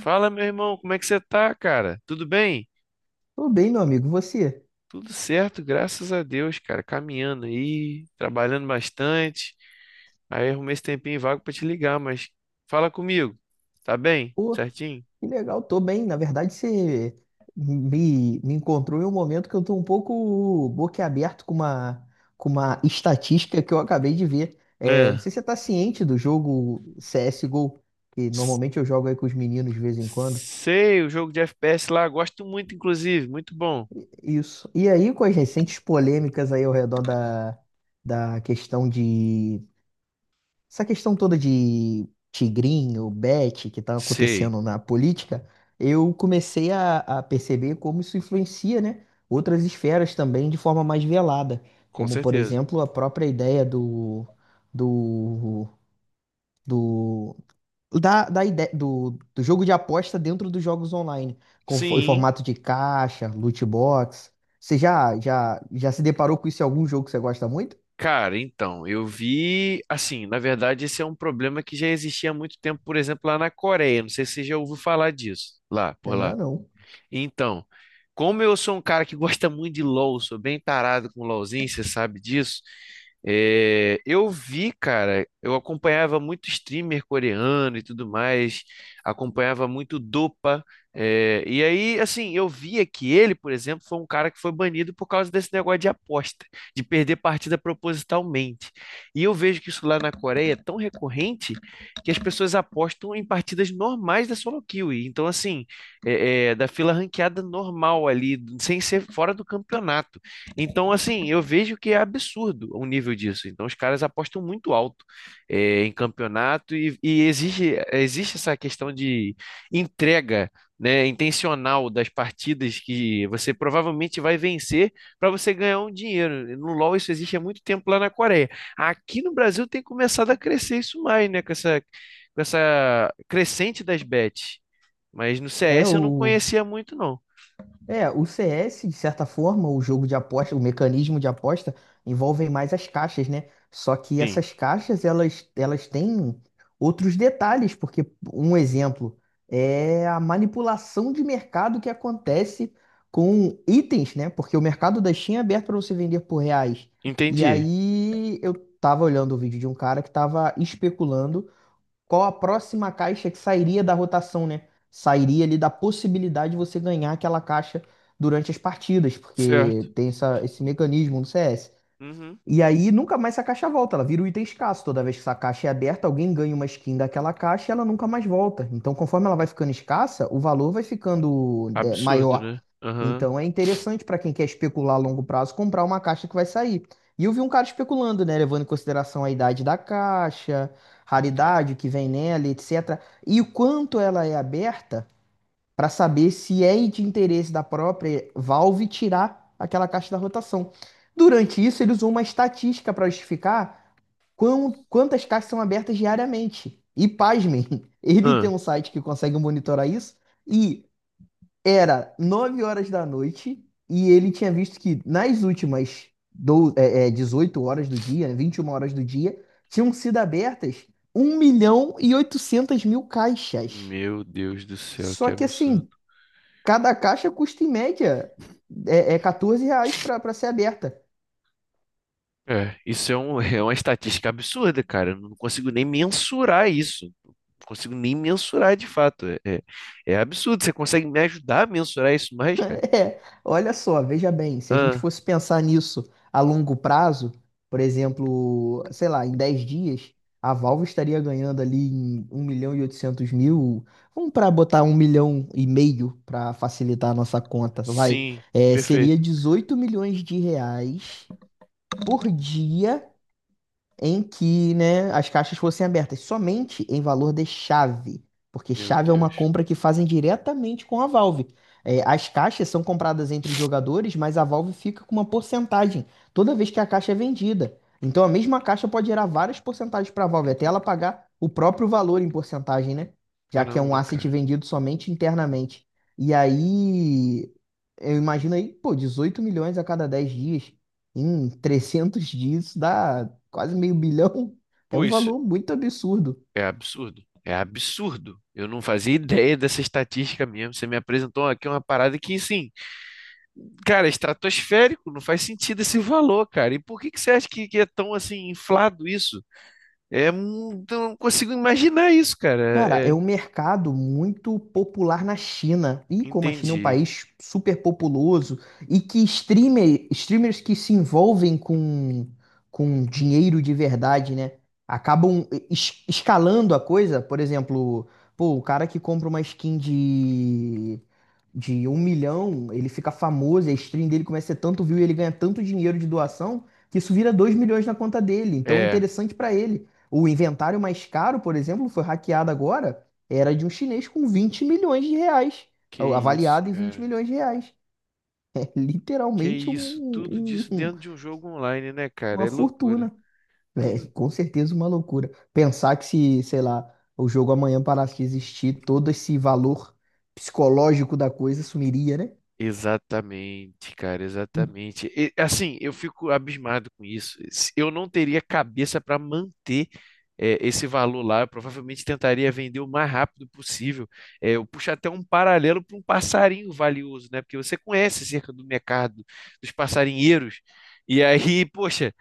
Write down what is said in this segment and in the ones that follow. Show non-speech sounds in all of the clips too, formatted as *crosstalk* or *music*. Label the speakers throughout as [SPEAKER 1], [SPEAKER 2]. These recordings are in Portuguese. [SPEAKER 1] Fala, meu irmão, como é que você tá, cara? Tudo bem?
[SPEAKER 2] Tô bem, meu amigo. Você?
[SPEAKER 1] Tudo certo, graças a Deus, cara. Caminhando aí, trabalhando bastante. Aí arrumei esse tempinho vago pra te ligar, mas fala comigo. Tá bem?
[SPEAKER 2] Pô,
[SPEAKER 1] Certinho?
[SPEAKER 2] que legal, tô bem. Na verdade, você me encontrou em um momento que eu tô um pouco boquiaberto com com uma estatística que eu acabei de ver. É, não
[SPEAKER 1] É.
[SPEAKER 2] sei se você tá ciente do jogo CSGO, que
[SPEAKER 1] S-
[SPEAKER 2] normalmente eu jogo aí com os meninos de vez em quando.
[SPEAKER 1] Sei, o jogo de FPS lá, gosto muito, inclusive, muito bom.
[SPEAKER 2] Isso. E aí, com as recentes polêmicas aí ao redor da questão de essa questão toda de tigrinho, bet, que tá
[SPEAKER 1] Sei,
[SPEAKER 2] acontecendo na política, eu comecei a perceber como isso influencia, né, outras esferas também de forma mais velada,
[SPEAKER 1] com
[SPEAKER 2] como, por
[SPEAKER 1] certeza.
[SPEAKER 2] exemplo, a própria ideia do, do, da ideia, do jogo de aposta dentro dos jogos online, em
[SPEAKER 1] Sim,
[SPEAKER 2] formato de caixa, loot box. Você já se deparou com isso em algum jogo que você gosta muito?
[SPEAKER 1] cara, então, eu vi, assim, na verdade, esse é um problema que já existia há muito tempo, por exemplo, lá na Coreia. Não sei se você já ouviu falar disso, lá, por lá.
[SPEAKER 2] Ainda não.
[SPEAKER 1] Então, como eu sou um cara que *laughs* gosta muito de LoL, sou bem tarado com LoLzinho, você sabe disso. É, eu vi, cara, eu acompanhava muito streamer coreano e tudo mais, acompanhava muito Dopa, e aí, assim, eu via que ele, por exemplo, foi um cara que foi banido por causa desse negócio de aposta, de perder partida propositalmente. E eu vejo que isso lá na Coreia é tão recorrente que as pessoas apostam em partidas normais da solo queue. Então, assim, da fila ranqueada normal ali, sem ser fora do campeonato. Então, assim, eu vejo que é absurdo o nível disso. Então, os caras apostam muito alto em campeonato e existe essa questão de entrega. Né, intencional das partidas que você provavelmente vai vencer para você ganhar um dinheiro. No LoL isso existe há muito tempo lá na Coreia. Aqui no Brasil tem começado a crescer isso mais, né, com essa crescente das bets. Mas no
[SPEAKER 2] É
[SPEAKER 1] CS eu não
[SPEAKER 2] o
[SPEAKER 1] conhecia muito, não.
[SPEAKER 2] É, o C S de certa forma, o jogo de aposta, o mecanismo de aposta, envolvem mais as caixas, né? Só que
[SPEAKER 1] Sim,
[SPEAKER 2] essas caixas, elas têm outros detalhes, porque um exemplo é a manipulação de mercado que acontece com itens, né? Porque o mercado da Steam é aberto para você vender por reais. E
[SPEAKER 1] entendi.
[SPEAKER 2] aí eu tava olhando o vídeo de um cara que estava especulando qual a próxima caixa que sairia da rotação, né? Sairia ali da possibilidade de você ganhar aquela caixa durante as partidas,
[SPEAKER 1] Certo.
[SPEAKER 2] porque tem esse mecanismo no CS.
[SPEAKER 1] Uhum.
[SPEAKER 2] E aí nunca mais essa caixa volta, ela vira um item escasso. Toda vez que essa caixa é aberta, alguém ganha uma skin daquela caixa e ela nunca mais volta. Então, conforme ela vai ficando escassa, o valor vai ficando
[SPEAKER 1] Absurdo,
[SPEAKER 2] maior.
[SPEAKER 1] né? Aham.
[SPEAKER 2] Então, é interessante para quem quer especular a longo prazo comprar uma caixa que vai sair. E eu vi um cara especulando, né, levando em consideração a idade da caixa, raridade que vem nela, etc. E o quanto ela é aberta para saber se é de interesse da própria Valve tirar aquela caixa da rotação. Durante isso, ele usou uma estatística para justificar quantas caixas são abertas diariamente. E pasmem, *laughs* ele tem
[SPEAKER 1] Ah.
[SPEAKER 2] um site que consegue monitorar isso e era 9 horas da noite e ele tinha visto que nas últimas 18 horas do dia, né, 21 horas do dia, tinham sido abertas um milhão e 800 mil caixas.
[SPEAKER 1] Meu Deus do céu, que
[SPEAKER 2] Só que
[SPEAKER 1] absurdo.
[SPEAKER 2] assim, cada caixa custa em média R$ 14 para ser aberta. *laughs*
[SPEAKER 1] É, isso é, um, *laughs* é uma estatística absurda, cara. Eu não consigo nem mensurar isso. Não consigo nem mensurar de fato. É absurdo. Você consegue me ajudar a mensurar isso mais, cara?
[SPEAKER 2] É, olha só, veja bem, se a gente
[SPEAKER 1] Ah,
[SPEAKER 2] fosse pensar nisso a longo prazo, por exemplo, sei lá, em 10 dias, a Valve estaria ganhando ali em 1 milhão e oitocentos mil. Vamos para botar 1,5 milhão para facilitar a nossa conta, vai.
[SPEAKER 1] sim,
[SPEAKER 2] É, seria
[SPEAKER 1] perfeito.
[SPEAKER 2] R$ 18 milhões por dia em que, né, as caixas fossem abertas somente em valor de chave, porque
[SPEAKER 1] Meu
[SPEAKER 2] chave é uma
[SPEAKER 1] Deus.
[SPEAKER 2] compra que fazem diretamente com a Valve. É, as caixas são compradas entre jogadores, mas a Valve fica com uma porcentagem toda vez que a caixa é vendida. Então a mesma caixa pode gerar várias porcentagens para a Valve, até ela pagar o próprio valor em porcentagem, né? Já que é um
[SPEAKER 1] Caramba,
[SPEAKER 2] asset
[SPEAKER 1] cara.
[SPEAKER 2] vendido somente internamente. E aí, eu imagino aí, pô, 18 milhões a cada 10 dias. Em 300 dias dá quase meio bilhão. É
[SPEAKER 1] Pô,
[SPEAKER 2] um
[SPEAKER 1] isso
[SPEAKER 2] valor muito absurdo.
[SPEAKER 1] é absurdo. É absurdo. Eu não fazia *laughs* ideia dessa estatística mesmo. Você me apresentou aqui uma parada que, sim, cara, é estratosférico, não faz sentido esse valor, cara. E por que que você acha que é tão, assim, inflado isso? É, eu não consigo imaginar isso, cara.
[SPEAKER 2] Cara,
[SPEAKER 1] É,
[SPEAKER 2] é
[SPEAKER 1] é,
[SPEAKER 2] um mercado muito popular na China. E como a China é um
[SPEAKER 1] entendi.
[SPEAKER 2] país super populoso e que streamers que se envolvem com dinheiro de verdade, né? Acabam escalando a coisa. Por exemplo, pô, o cara que compra uma skin de 1 milhão, ele fica famoso, a stream dele começa a ter tanto view e ele ganha tanto dinheiro de doação que isso vira 2 milhões na conta dele. Então é
[SPEAKER 1] É,
[SPEAKER 2] interessante pra ele. O inventário mais caro, por exemplo, foi hackeado agora, era de um chinês com R$ 20 milhões,
[SPEAKER 1] que isso,
[SPEAKER 2] avaliado em 20
[SPEAKER 1] cara.
[SPEAKER 2] milhões de reais. *laughs* É
[SPEAKER 1] Que
[SPEAKER 2] literalmente
[SPEAKER 1] isso. Tudo disso dentro de um jogo online, né, cara?
[SPEAKER 2] uma
[SPEAKER 1] É loucura.
[SPEAKER 2] fortuna. É,
[SPEAKER 1] Tudo
[SPEAKER 2] com certeza uma loucura. Pensar que se, sei lá, o jogo amanhã parasse de existir, todo esse valor psicológico da coisa sumiria, né?
[SPEAKER 1] exatamente, cara,
[SPEAKER 2] Hum.
[SPEAKER 1] exatamente. E, assim, eu fico abismado com isso. Se eu não teria cabeça para manter esse valor lá. Eu provavelmente tentaria vender o mais rápido possível. Eu puxo até um paralelo para um passarinho valioso, né? Porque você conhece cerca do mercado dos passarinheiros. E aí, poxa,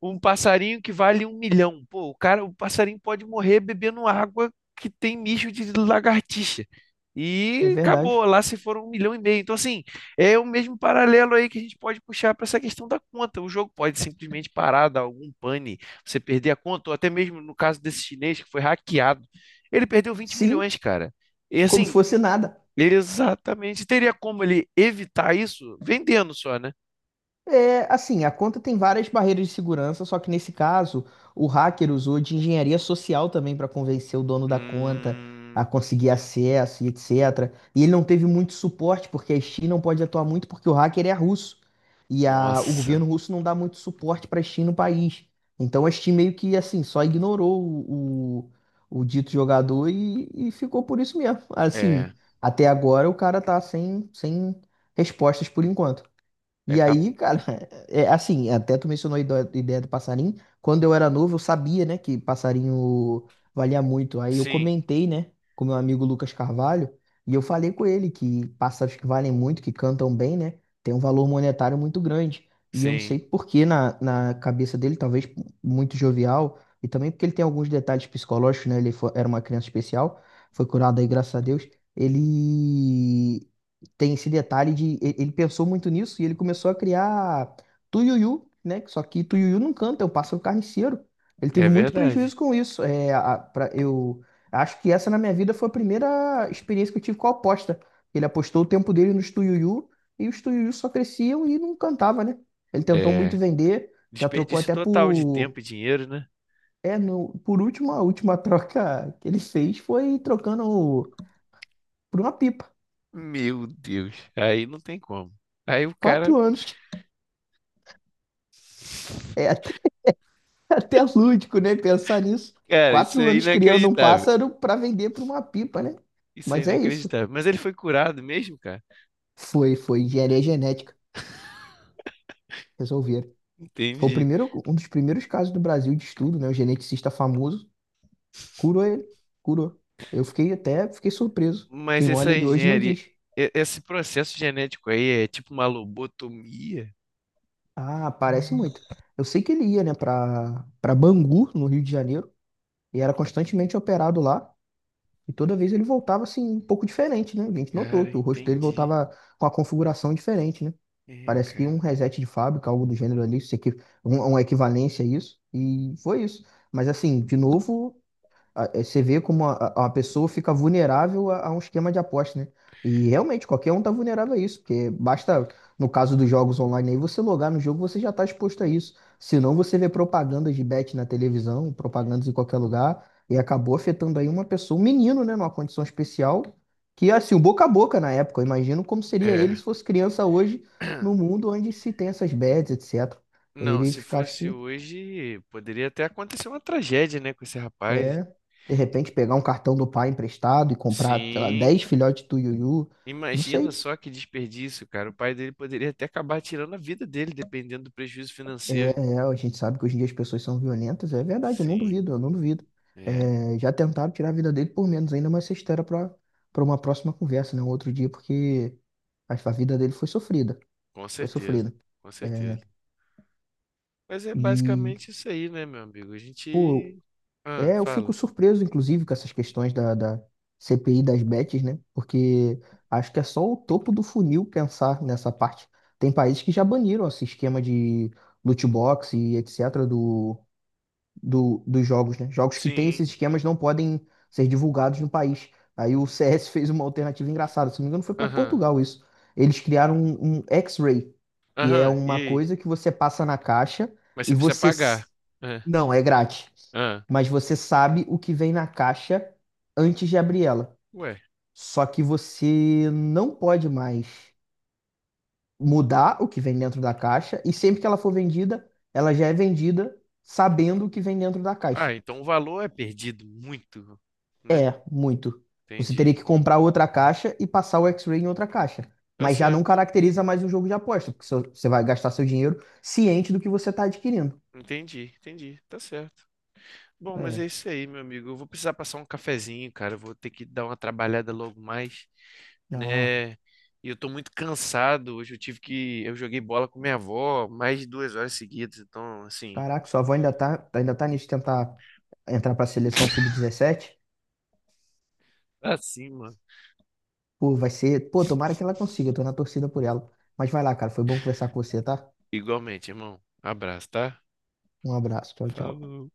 [SPEAKER 1] um passarinho que vale 1 milhão. Pô, o cara, o passarinho pode morrer bebendo água que tem mijo de lagartixa.
[SPEAKER 2] É
[SPEAKER 1] E
[SPEAKER 2] verdade.
[SPEAKER 1] acabou, lá se foram 1 milhão e meio. Então, assim, é o mesmo paralelo aí que a gente pode puxar para essa questão da conta. O jogo pode simplesmente parar, dar algum pane, você perder a conta, ou até mesmo no caso desse chinês que foi hackeado, ele perdeu vinte
[SPEAKER 2] Sim,
[SPEAKER 1] milhões, cara. E
[SPEAKER 2] como se
[SPEAKER 1] assim,
[SPEAKER 2] fosse nada.
[SPEAKER 1] ele exatamente teria como ele evitar isso vendendo só, né?
[SPEAKER 2] É, assim, a conta tem várias barreiras de segurança, só que nesse caso, o hacker usou de engenharia social também para convencer o dono da conta
[SPEAKER 1] Hum,
[SPEAKER 2] a conseguir acesso e etc. E ele não teve muito suporte, porque a Steam não pode atuar muito, porque o hacker é russo. E o
[SPEAKER 1] nossa,
[SPEAKER 2] governo russo não dá muito suporte para a Steam no país. Então a Steam meio que, assim, só ignorou o dito jogador e ficou por isso mesmo. Assim,
[SPEAKER 1] é.
[SPEAKER 2] até agora o cara tá sem respostas por enquanto.
[SPEAKER 1] É
[SPEAKER 2] E aí,
[SPEAKER 1] capaz.
[SPEAKER 2] cara, *laughs* é assim, até tu mencionou a ideia do passarinho. Quando eu era novo, eu sabia, né, que passarinho valia muito. Aí eu
[SPEAKER 1] Sim,
[SPEAKER 2] comentei, né, com meu amigo Lucas Carvalho, e eu falei com ele que pássaros que valem muito, que cantam bem, né, tem um valor monetário muito grande. E eu não
[SPEAKER 1] sim,
[SPEAKER 2] sei por que na cabeça dele, talvez muito jovial, e também porque ele tem alguns detalhes psicológicos, né, era uma criança especial, foi curado aí, graças a Deus. Ele tem esse detalhe de ele pensou muito nisso e ele começou a criar Tuiuiu, né? que Só que Tuiuiu não canta, é o pássaro carniceiro. Ele
[SPEAKER 1] é
[SPEAKER 2] teve muito prejuízo
[SPEAKER 1] verdade.
[SPEAKER 2] com isso. É, eu acho que essa na minha vida foi a primeira experiência que eu tive com a aposta. Ele apostou o tempo dele nos Tuiuiu e os Tuiuiu só cresciam e não cantava, né? Ele tentou muito
[SPEAKER 1] É
[SPEAKER 2] vender, já trocou
[SPEAKER 1] desperdício
[SPEAKER 2] até
[SPEAKER 1] total de
[SPEAKER 2] por
[SPEAKER 1] tempo e dinheiro, né?
[SPEAKER 2] é, no, por último, a última troca que ele fez foi trocando por uma pipa.
[SPEAKER 1] Meu Deus, aí não tem como. Aí o cara,
[SPEAKER 2] 4 anos. É, *laughs* até lúdico, né? Pensar nisso.
[SPEAKER 1] cara, isso
[SPEAKER 2] Quatro
[SPEAKER 1] é
[SPEAKER 2] anos criando um
[SPEAKER 1] inacreditável.
[SPEAKER 2] pássaro para vender para uma pipa, né?
[SPEAKER 1] Isso é
[SPEAKER 2] Mas é isso.
[SPEAKER 1] inacreditável. Mas ele foi curado mesmo, cara?
[SPEAKER 2] Foi engenharia genética. Resolveram. Foi o
[SPEAKER 1] Entendi.
[SPEAKER 2] primeiro, um dos primeiros casos do Brasil de estudo, né? O geneticista famoso curou ele. Curou. Eu fiquei surpreso.
[SPEAKER 1] Mas
[SPEAKER 2] Quem olha
[SPEAKER 1] essa
[SPEAKER 2] ele hoje não
[SPEAKER 1] engenharia,
[SPEAKER 2] diz.
[SPEAKER 1] esse processo genético aí é tipo uma lobotomia?
[SPEAKER 2] Ah, parece muito. Eu sei que ele ia, né, para Bangu, no Rio de Janeiro, e era constantemente operado lá. E toda vez ele voltava assim, um pouco diferente, né? A gente notou
[SPEAKER 1] Cara,
[SPEAKER 2] que o rosto dele
[SPEAKER 1] entendi.
[SPEAKER 2] voltava com a configuração diferente, né?
[SPEAKER 1] É,
[SPEAKER 2] Parece que um
[SPEAKER 1] cara.
[SPEAKER 2] reset de fábrica, algo do gênero ali, isso aqui, uma equivalência a isso. E foi isso. Mas assim, de novo você vê como a pessoa fica vulnerável a um esquema de aposta, né? E realmente qualquer um tá vulnerável a isso, porque basta, no caso dos jogos online aí, você logar no jogo, você já tá exposto a isso. Senão você vê propagandas de bet na televisão, propagandas em qualquer lugar, e acabou afetando aí uma pessoa, um menino, né, numa condição especial, que assim, o boca a boca na época, eu imagino como seria ele
[SPEAKER 1] É.
[SPEAKER 2] se fosse criança hoje, no mundo onde se tem essas bets, etc.
[SPEAKER 1] Não,
[SPEAKER 2] Ele
[SPEAKER 1] se
[SPEAKER 2] fica, acho
[SPEAKER 1] fosse
[SPEAKER 2] que
[SPEAKER 1] hoje, poderia até acontecer uma tragédia, né, com esse rapaz.
[SPEAKER 2] é, de repente pegar um cartão do pai emprestado e comprar, sei lá,
[SPEAKER 1] Sim.
[SPEAKER 2] 10 filhotes do Yuyu, não
[SPEAKER 1] Imagina
[SPEAKER 2] sei.
[SPEAKER 1] só que desperdício, cara. O pai dele poderia até acabar tirando a vida dele, dependendo do prejuízo
[SPEAKER 2] É,
[SPEAKER 1] financeiro.
[SPEAKER 2] é, a gente sabe que hoje em dia as pessoas são violentas, é verdade, eu não
[SPEAKER 1] Sim,
[SPEAKER 2] duvido, eu não duvido.
[SPEAKER 1] é,
[SPEAKER 2] É, já tentaram tirar a vida dele por menos ainda, mas isso era para para uma próxima conversa, né? Um outro dia, porque a vida dele foi sofrida,
[SPEAKER 1] com
[SPEAKER 2] foi
[SPEAKER 1] certeza,
[SPEAKER 2] sofrida.
[SPEAKER 1] com
[SPEAKER 2] É,
[SPEAKER 1] certeza. Mas é
[SPEAKER 2] e,
[SPEAKER 1] basicamente isso aí, né, meu amigo? A
[SPEAKER 2] pô,
[SPEAKER 1] gente. Ah,
[SPEAKER 2] é, eu fico
[SPEAKER 1] fala.
[SPEAKER 2] surpreso, inclusive, com essas questões da CPI das bets, né? Porque acho que é só o topo do funil pensar nessa parte. Tem países que já baniram esse esquema de loot box e etc. Dos jogos, né? Jogos que têm
[SPEAKER 1] Sim.
[SPEAKER 2] esses esquemas não podem ser divulgados no país. Aí o *laughs* CS fez uma alternativa engraçada, se não me engano, foi para
[SPEAKER 1] Aham.
[SPEAKER 2] Portugal isso. Eles criaram um X-Ray, que é
[SPEAKER 1] Aham. E
[SPEAKER 2] uma
[SPEAKER 1] aí?
[SPEAKER 2] coisa que você passa na caixa
[SPEAKER 1] Mas você
[SPEAKER 2] e
[SPEAKER 1] precisa pagar. Ah,
[SPEAKER 2] não, é grátis.
[SPEAKER 1] ah.
[SPEAKER 2] Mas você sabe o que vem na caixa antes de abrir ela.
[SPEAKER 1] Ué.
[SPEAKER 2] Só que você não pode mais mudar o que vem dentro da caixa. E sempre que ela for vendida, ela já é vendida sabendo o que vem dentro da caixa.
[SPEAKER 1] Ah, então o valor é perdido muito, né?
[SPEAKER 2] É, muito. Você
[SPEAKER 1] Entendi.
[SPEAKER 2] teria que comprar outra caixa e passar o X-Ray em outra caixa.
[SPEAKER 1] Tá
[SPEAKER 2] Mas já não
[SPEAKER 1] certo.
[SPEAKER 2] caracteriza mais um jogo de aposta, porque você vai gastar seu dinheiro ciente do que você está adquirindo.
[SPEAKER 1] Entendi. Tá certo. Bom, mas é
[SPEAKER 2] É.
[SPEAKER 1] isso aí, meu amigo. Eu vou precisar passar um cafezinho, cara. Eu vou ter que dar uma trabalhada logo mais,
[SPEAKER 2] Ah.
[SPEAKER 1] né? E eu tô muito cansado. Hoje eu tive que. Eu joguei bola com minha avó mais de 2 horas seguidas. Então, assim,
[SPEAKER 2] Caraca, sua avó ainda tá nisso de tentar entrar pra seleção sub-17.
[SPEAKER 1] tá assim, mano.
[SPEAKER 2] Pô, vai ser. Pô, tomara que ela consiga, eu tô na torcida por ela. Mas vai lá, cara, foi bom conversar com você, tá?
[SPEAKER 1] Igualmente, irmão. Abraço, tá?
[SPEAKER 2] Um abraço, tchau, tchau.
[SPEAKER 1] Falou.